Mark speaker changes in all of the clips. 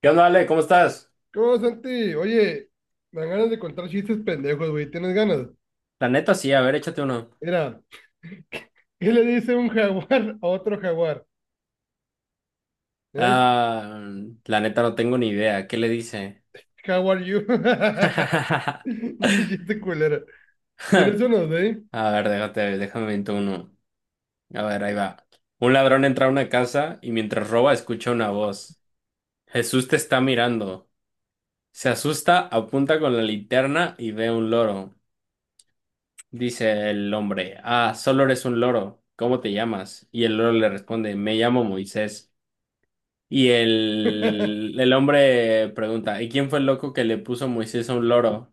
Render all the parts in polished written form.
Speaker 1: ¿Qué onda, Ale? ¿Cómo estás?
Speaker 2: ¿Cómo, Santi? Oye, me dan ganas de contar chistes pendejos, güey. ¿Tienes ganas?
Speaker 1: La neta sí, a ver, échate uno.
Speaker 2: Mira, ¿qué le dice un jaguar a otro jaguar? ¿Eh?
Speaker 1: Ah, la neta no tengo ni idea. ¿Qué le dice?
Speaker 2: How are you? Pinche Chiste culero. ¿Tienes unos de
Speaker 1: A ver, déjame invento uno. A ver, ahí va. Un ladrón entra a una casa y mientras roba escucha una voz. Jesús te está mirando. Se asusta, apunta con la linterna y ve un loro. Dice el hombre, ah, solo eres un loro. ¿Cómo te llamas? Y el loro le responde, me llamo Moisés. Y el hombre pregunta, ¿y quién fue el loco que le puso Moisés a un loro?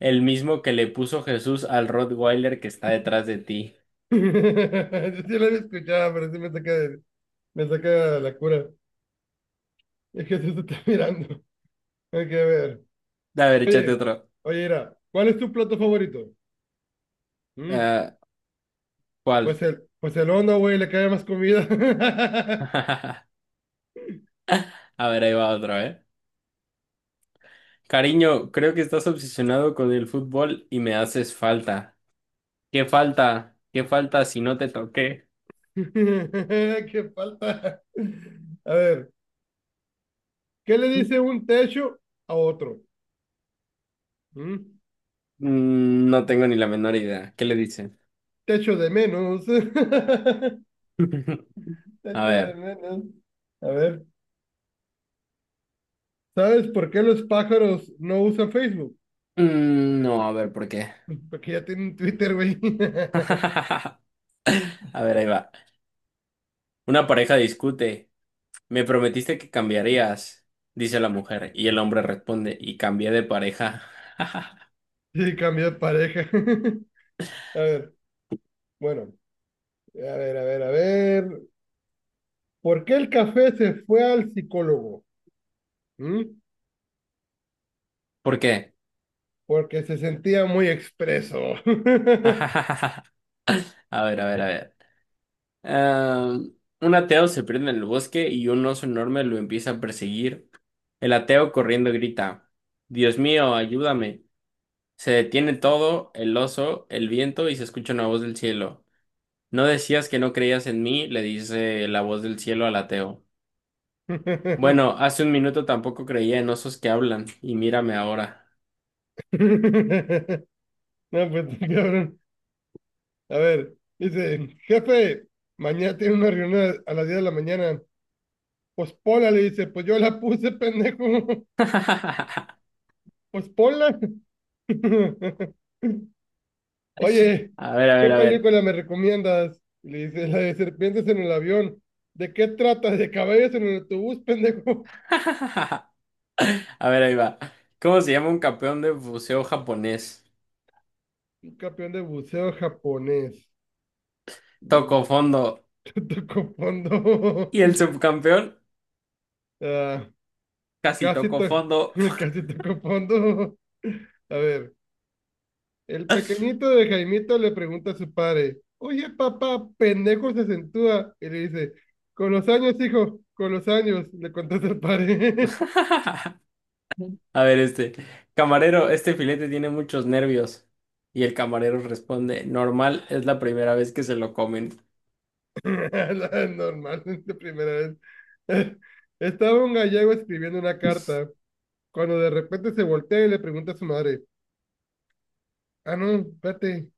Speaker 1: El mismo que le puso Jesús al Rottweiler que está detrás de ti.
Speaker 2: Yo sí lo había escuchado, pero sí me saca, me saca de la cura. Es que se está mirando. Hay que ver.
Speaker 1: A ver, échate
Speaker 2: Oye,
Speaker 1: otro.
Speaker 2: oye, mira, ¿cuál es tu plato favorito? ¿Mm?
Speaker 1: Ah,
Speaker 2: Pues
Speaker 1: ¿cuál?
Speaker 2: el, pues el hondo, güey, le cae más comida.
Speaker 1: A ver, ahí va otro, ¿eh? Cariño, creo que estás obsesionado con el fútbol y me haces falta. ¿Qué falta? ¿Qué falta si no te toqué?
Speaker 2: Qué falta. A ver, ¿qué le dice un techo a otro? ¿Mm?
Speaker 1: Mm, no tengo ni la menor idea. ¿Qué le dicen?
Speaker 2: Techo de menos. Techo
Speaker 1: A
Speaker 2: de
Speaker 1: ver.
Speaker 2: menos. A ver, ¿sabes por qué los pájaros no usan Facebook?
Speaker 1: Mm, no, a ver, ¿por qué?
Speaker 2: Porque ya tienen Twitter, güey.
Speaker 1: A ver, ahí va. Una pareja discute. Me prometiste que cambiarías, dice la mujer, y el hombre responde, y cambié de pareja.
Speaker 2: Y cambió de pareja. A ver, bueno, a ver, a ver, a ver. ¿Por qué el café se fue al psicólogo? ¿Mm?
Speaker 1: ¿Por qué?
Speaker 2: Porque se sentía muy expreso.
Speaker 1: A ver, a ver, a ver. Am, un ateo se pierde en el bosque y un oso enorme lo empieza a perseguir. El ateo corriendo grita, Dios mío, ayúdame. Se detiene todo, el oso, el viento y se escucha una voz del cielo. ¿No decías que no creías en mí?, le dice la voz del cielo al ateo. Bueno, hace un minuto tampoco creía en osos que hablan, y mírame ahora.
Speaker 2: No, pues, está cabrón. A ver, dice, jefe, mañana tiene una reunión a las 10 de la mañana. Pues ponla, le dice, pues yo la puse, pendejo. Pues ponla. Oye,
Speaker 1: A ver, a
Speaker 2: ¿qué
Speaker 1: ver, a ver.
Speaker 2: película me recomiendas? Y le dice, la de serpientes en el avión. ¿De qué trata? ¿De caballos en el autobús, pendejo?
Speaker 1: A ver, ahí va. ¿Cómo se llama un campeón de buceo japonés?
Speaker 2: Un campeón de buceo japonés. Mm,
Speaker 1: Tocó fondo.
Speaker 2: Tocó fondo.
Speaker 1: Y el subcampeón
Speaker 2: Ah,
Speaker 1: casi
Speaker 2: casi,
Speaker 1: tocó
Speaker 2: to-
Speaker 1: fondo.
Speaker 2: casi tocó fondo. A ver. El pequeñito de Jaimito le pregunta a su padre, oye papá, pendejo se acentúa. Y le dice, con los años, hijo, con los años, le contesta el padre.
Speaker 1: A ver, este. Camarero, este filete tiene muchos nervios. Y el camarero responde, normal, es la primera vez que se lo comen.
Speaker 2: La Normal, de primera vez. Estaba un gallego escribiendo una carta, cuando de repente se voltea y le pregunta a su madre, ah, no, espérate,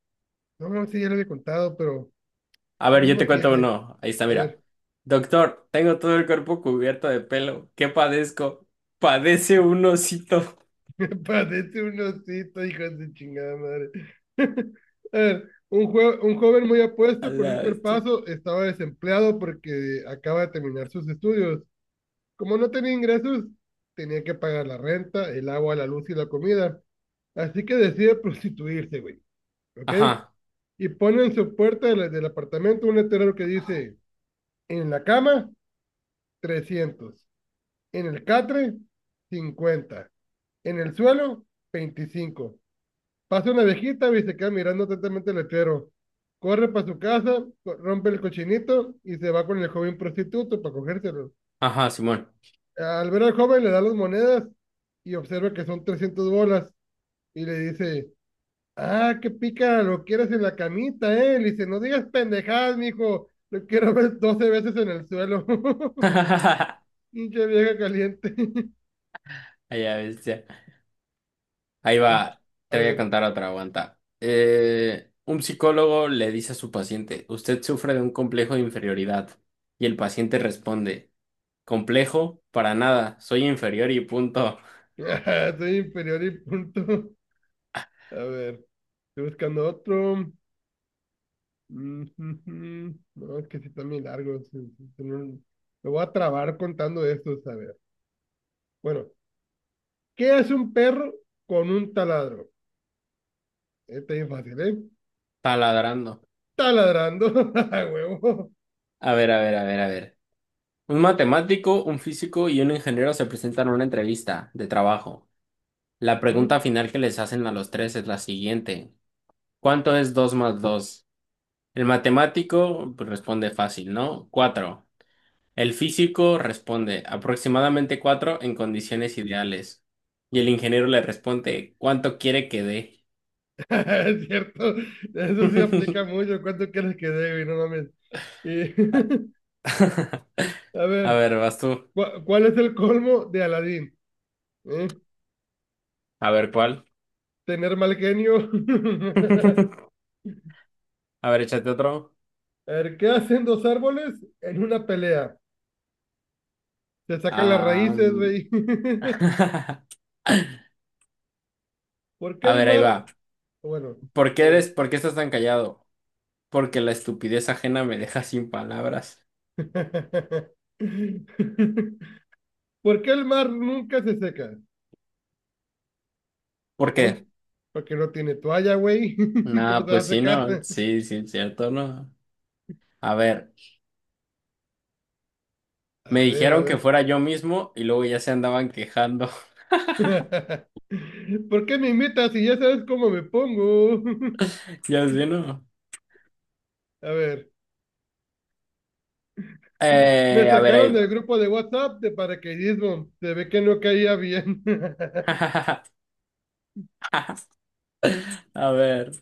Speaker 2: no, no, sí, ya lo había contado, pero
Speaker 1: A
Speaker 2: es el
Speaker 1: ver, yo
Speaker 2: mismo
Speaker 1: te cuento
Speaker 2: chiste.
Speaker 1: uno. Ahí está,
Speaker 2: A
Speaker 1: mira.
Speaker 2: ver,
Speaker 1: Doctor, tengo todo el cuerpo cubierto de pelo. ¿Qué padezco? Padece un osito.
Speaker 2: parece un osito, hijo de su chingada madre. Eh, un joven muy
Speaker 1: A
Speaker 2: apuesto con un
Speaker 1: la bestia.
Speaker 2: cuerpazo estaba desempleado porque acaba de terminar sus estudios. Como no tenía ingresos, tenía que pagar la renta, el agua, la luz y la comida. Así que decide prostituirse, güey. ¿Ok?
Speaker 1: Ajá,
Speaker 2: Y pone en su puerta de del apartamento un letrero que dice, en la cama, 300 en el catre, 50 en el suelo, 25 Pasa una viejita y se queda mirando atentamente el letrero. Corre para su casa, rompe el cochinito y se va con el joven prostituto para cogérselo.
Speaker 1: ajá, Simón.
Speaker 2: Al ver al joven le da las monedas y observa que son 300 bolas y le dice, ah, qué pica, lo quieres en la camita, ¿eh? Le dice, no digas pendejadas, mijo, lo quiero ver 12 veces en el suelo.
Speaker 1: A
Speaker 2: Pinche vieja caliente.
Speaker 1: la bestia. Ahí
Speaker 2: La-
Speaker 1: va.
Speaker 2: A
Speaker 1: Te voy a
Speaker 2: ver,
Speaker 1: contar otra, aguanta. Un psicólogo le dice a su paciente, usted sufre de un complejo de inferioridad. Y el paciente responde, complejo, para nada, soy inferior y punto.
Speaker 2: soy inferior y punto. A ver, estoy buscando otro. Ujujú. No, es que sí están muy largos. Sí, sí, sí, Me voy a trabar contando esto, a ver. Bueno, ¿qué hace un perro con un taladro? Este es fácil, ¿eh?
Speaker 1: Taladrando.
Speaker 2: Taladrando, a huevo.
Speaker 1: A ver, a ver, a ver, a ver. Un matemático, un físico y un ingeniero se presentan a una entrevista de trabajo. La pregunta
Speaker 2: Ujú.
Speaker 1: final que les hacen a los tres es la siguiente. ¿Cuánto es 2 más 2? El matemático pues, responde fácil, ¿no? Cuatro. El físico responde aproximadamente 4 en condiciones ideales. Y el ingeniero le responde, ¿cuánto quiere que dé?
Speaker 2: Es cierto, eso sí aplica mucho. ¿Cuánto quieres que debe? No mames. Y,
Speaker 1: A
Speaker 2: a
Speaker 1: a
Speaker 2: ver,
Speaker 1: ver, vas tú.
Speaker 2: ¿cuál es el colmo de Aladín? ¿Eh?
Speaker 1: A ver, ¿cuál?
Speaker 2: Tener mal genio.
Speaker 1: A ver, échate otro.
Speaker 2: A ver, ¿qué hacen dos árboles en una pelea? Se sacan las
Speaker 1: Ah,
Speaker 2: raíces,
Speaker 1: mm.
Speaker 2: güey. ¿Por qué
Speaker 1: A
Speaker 2: el
Speaker 1: ver, ahí
Speaker 2: mar?
Speaker 1: va.
Speaker 2: Bueno, a ver.
Speaker 1: ¿Por qué estás tan callado? Porque la estupidez ajena me deja sin palabras.
Speaker 2: ¿Por qué el mar nunca se seca?
Speaker 1: ¿Por
Speaker 2: ¿Eh?
Speaker 1: qué?
Speaker 2: Porque no tiene toalla, güey. ¿Cómo
Speaker 1: Nada,
Speaker 2: te va a
Speaker 1: pues sí, no,
Speaker 2: secar?
Speaker 1: sí, sí, cierto, no. A ver, me
Speaker 2: A ver, a
Speaker 1: dijeron que
Speaker 2: ver.
Speaker 1: fuera yo mismo y luego ya se andaban quejando.
Speaker 2: ¿Por qué me imitas si ya sabes cómo me pongo?
Speaker 1: Ya sé, ¿no?
Speaker 2: A ver. Me
Speaker 1: A ver, ahí
Speaker 2: sacaron del
Speaker 1: va.
Speaker 2: grupo de WhatsApp de paracaidismo. Se ve que no caía bien.
Speaker 1: A ver,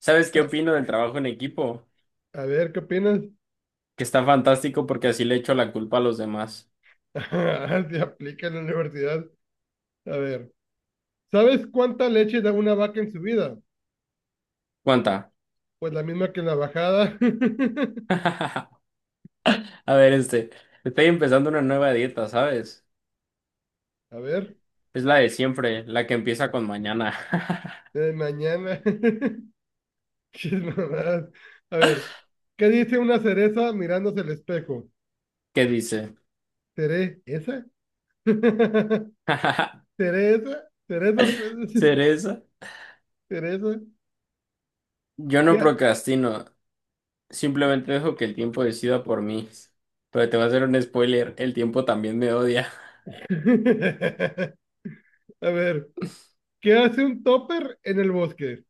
Speaker 1: ¿sabes qué opino del trabajo en equipo?
Speaker 2: A ver, ¿qué opinas?
Speaker 1: Que está fantástico porque así le echo la culpa a los demás.
Speaker 2: Se aplica en la universidad. A ver. ¿Sabes cuánta leche da una vaca en su vida?
Speaker 1: ¿Cuánta?
Speaker 2: Pues la misma que en la bajada.
Speaker 1: A ver, este, estoy empezando una nueva dieta, ¿sabes?
Speaker 2: A ver,
Speaker 1: Es la de siempre, la que empieza con mañana.
Speaker 2: mañana. Qué mamadas. A ver, ¿qué dice una cereza mirándose el espejo?
Speaker 1: ¿Qué dice?
Speaker 2: ¿Seré esa? ¿Teresa? Cereza, Pues,
Speaker 1: Cereza.
Speaker 2: cereza.
Speaker 1: Yo
Speaker 2: ¿Qué?
Speaker 1: no procrastino, simplemente dejo que el tiempo decida por mí. Pero te voy a hacer un spoiler, el tiempo también me odia.
Speaker 2: A ver, ¿qué hace un topper en el bosque?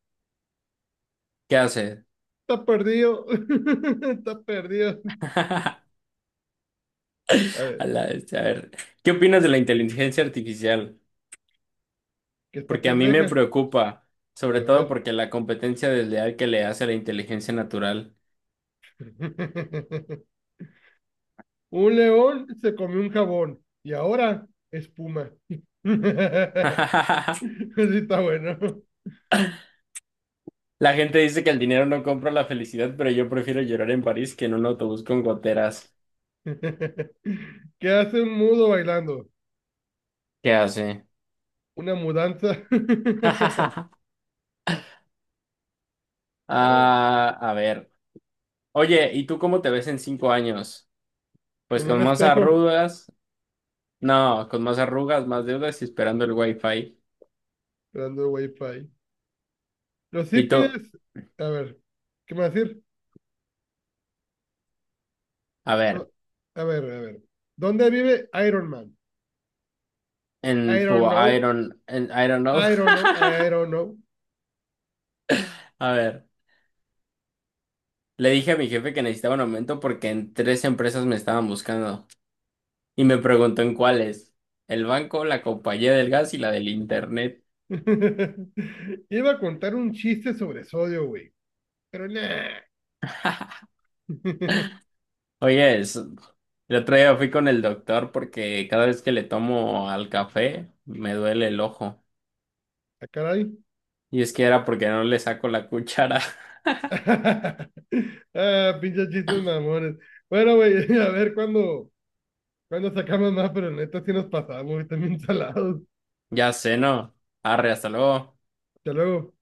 Speaker 1: ¿Qué haces?
Speaker 2: Está perdido. Está perdido. A ver,
Speaker 1: A la bestia, a ver, ¿qué opinas de la inteligencia artificial?
Speaker 2: ¿qué está
Speaker 1: Porque a mí me
Speaker 2: pendeja?
Speaker 1: preocupa, sobre
Speaker 2: A
Speaker 1: todo
Speaker 2: ver.
Speaker 1: porque la competencia desleal que le hace a la inteligencia natural.
Speaker 2: Un león se comió un jabón y ahora espuma. Así está bueno.
Speaker 1: La gente dice que el dinero no compra la felicidad, pero yo prefiero llorar en París que en un autobús con goteras.
Speaker 2: ¿Qué hace un mudo bailando?
Speaker 1: ¿Qué hace?
Speaker 2: Una mudanza. A ver,
Speaker 1: Ah, a ver. Oye, ¿y tú cómo te ves en 5 años? Pues
Speaker 2: con un
Speaker 1: con más
Speaker 2: espejo,
Speaker 1: arrugas. No, con más arrugas, más deudas y esperando el wifi.
Speaker 2: esperando wifi. Los
Speaker 1: ¿Y
Speaker 2: hippies,
Speaker 1: tú?
Speaker 2: a ver, ¿qué me va a decir?
Speaker 1: A
Speaker 2: No,
Speaker 1: ver,
Speaker 2: A ver, a ver. ¿Dónde vive Iron Man? I
Speaker 1: en tu
Speaker 2: don't know,
Speaker 1: Iron, en Iron know.
Speaker 2: I don't know, I don't know.
Speaker 1: A ver, le dije a mi jefe que necesitaba un aumento porque en tres empresas me estaban buscando. Y me preguntó en cuáles. El banco, la compañía del gas y la del internet.
Speaker 2: Iba a contar un chiste sobre sodio, güey, pero nah.
Speaker 1: Oye, el otro día fui con el doctor porque cada vez que le tomo al café me duele el ojo.
Speaker 2: ¿A caray?
Speaker 1: Y es que era porque no le saco la cuchara.
Speaker 2: Ah, pinches chistes mamones. Bueno, güey, a ver cuándo sacamos más, pero neta sí nos pasamos, güey, también salados.
Speaker 1: Ya sé, ¿no? Arre, hasta luego.
Speaker 2: Hasta luego.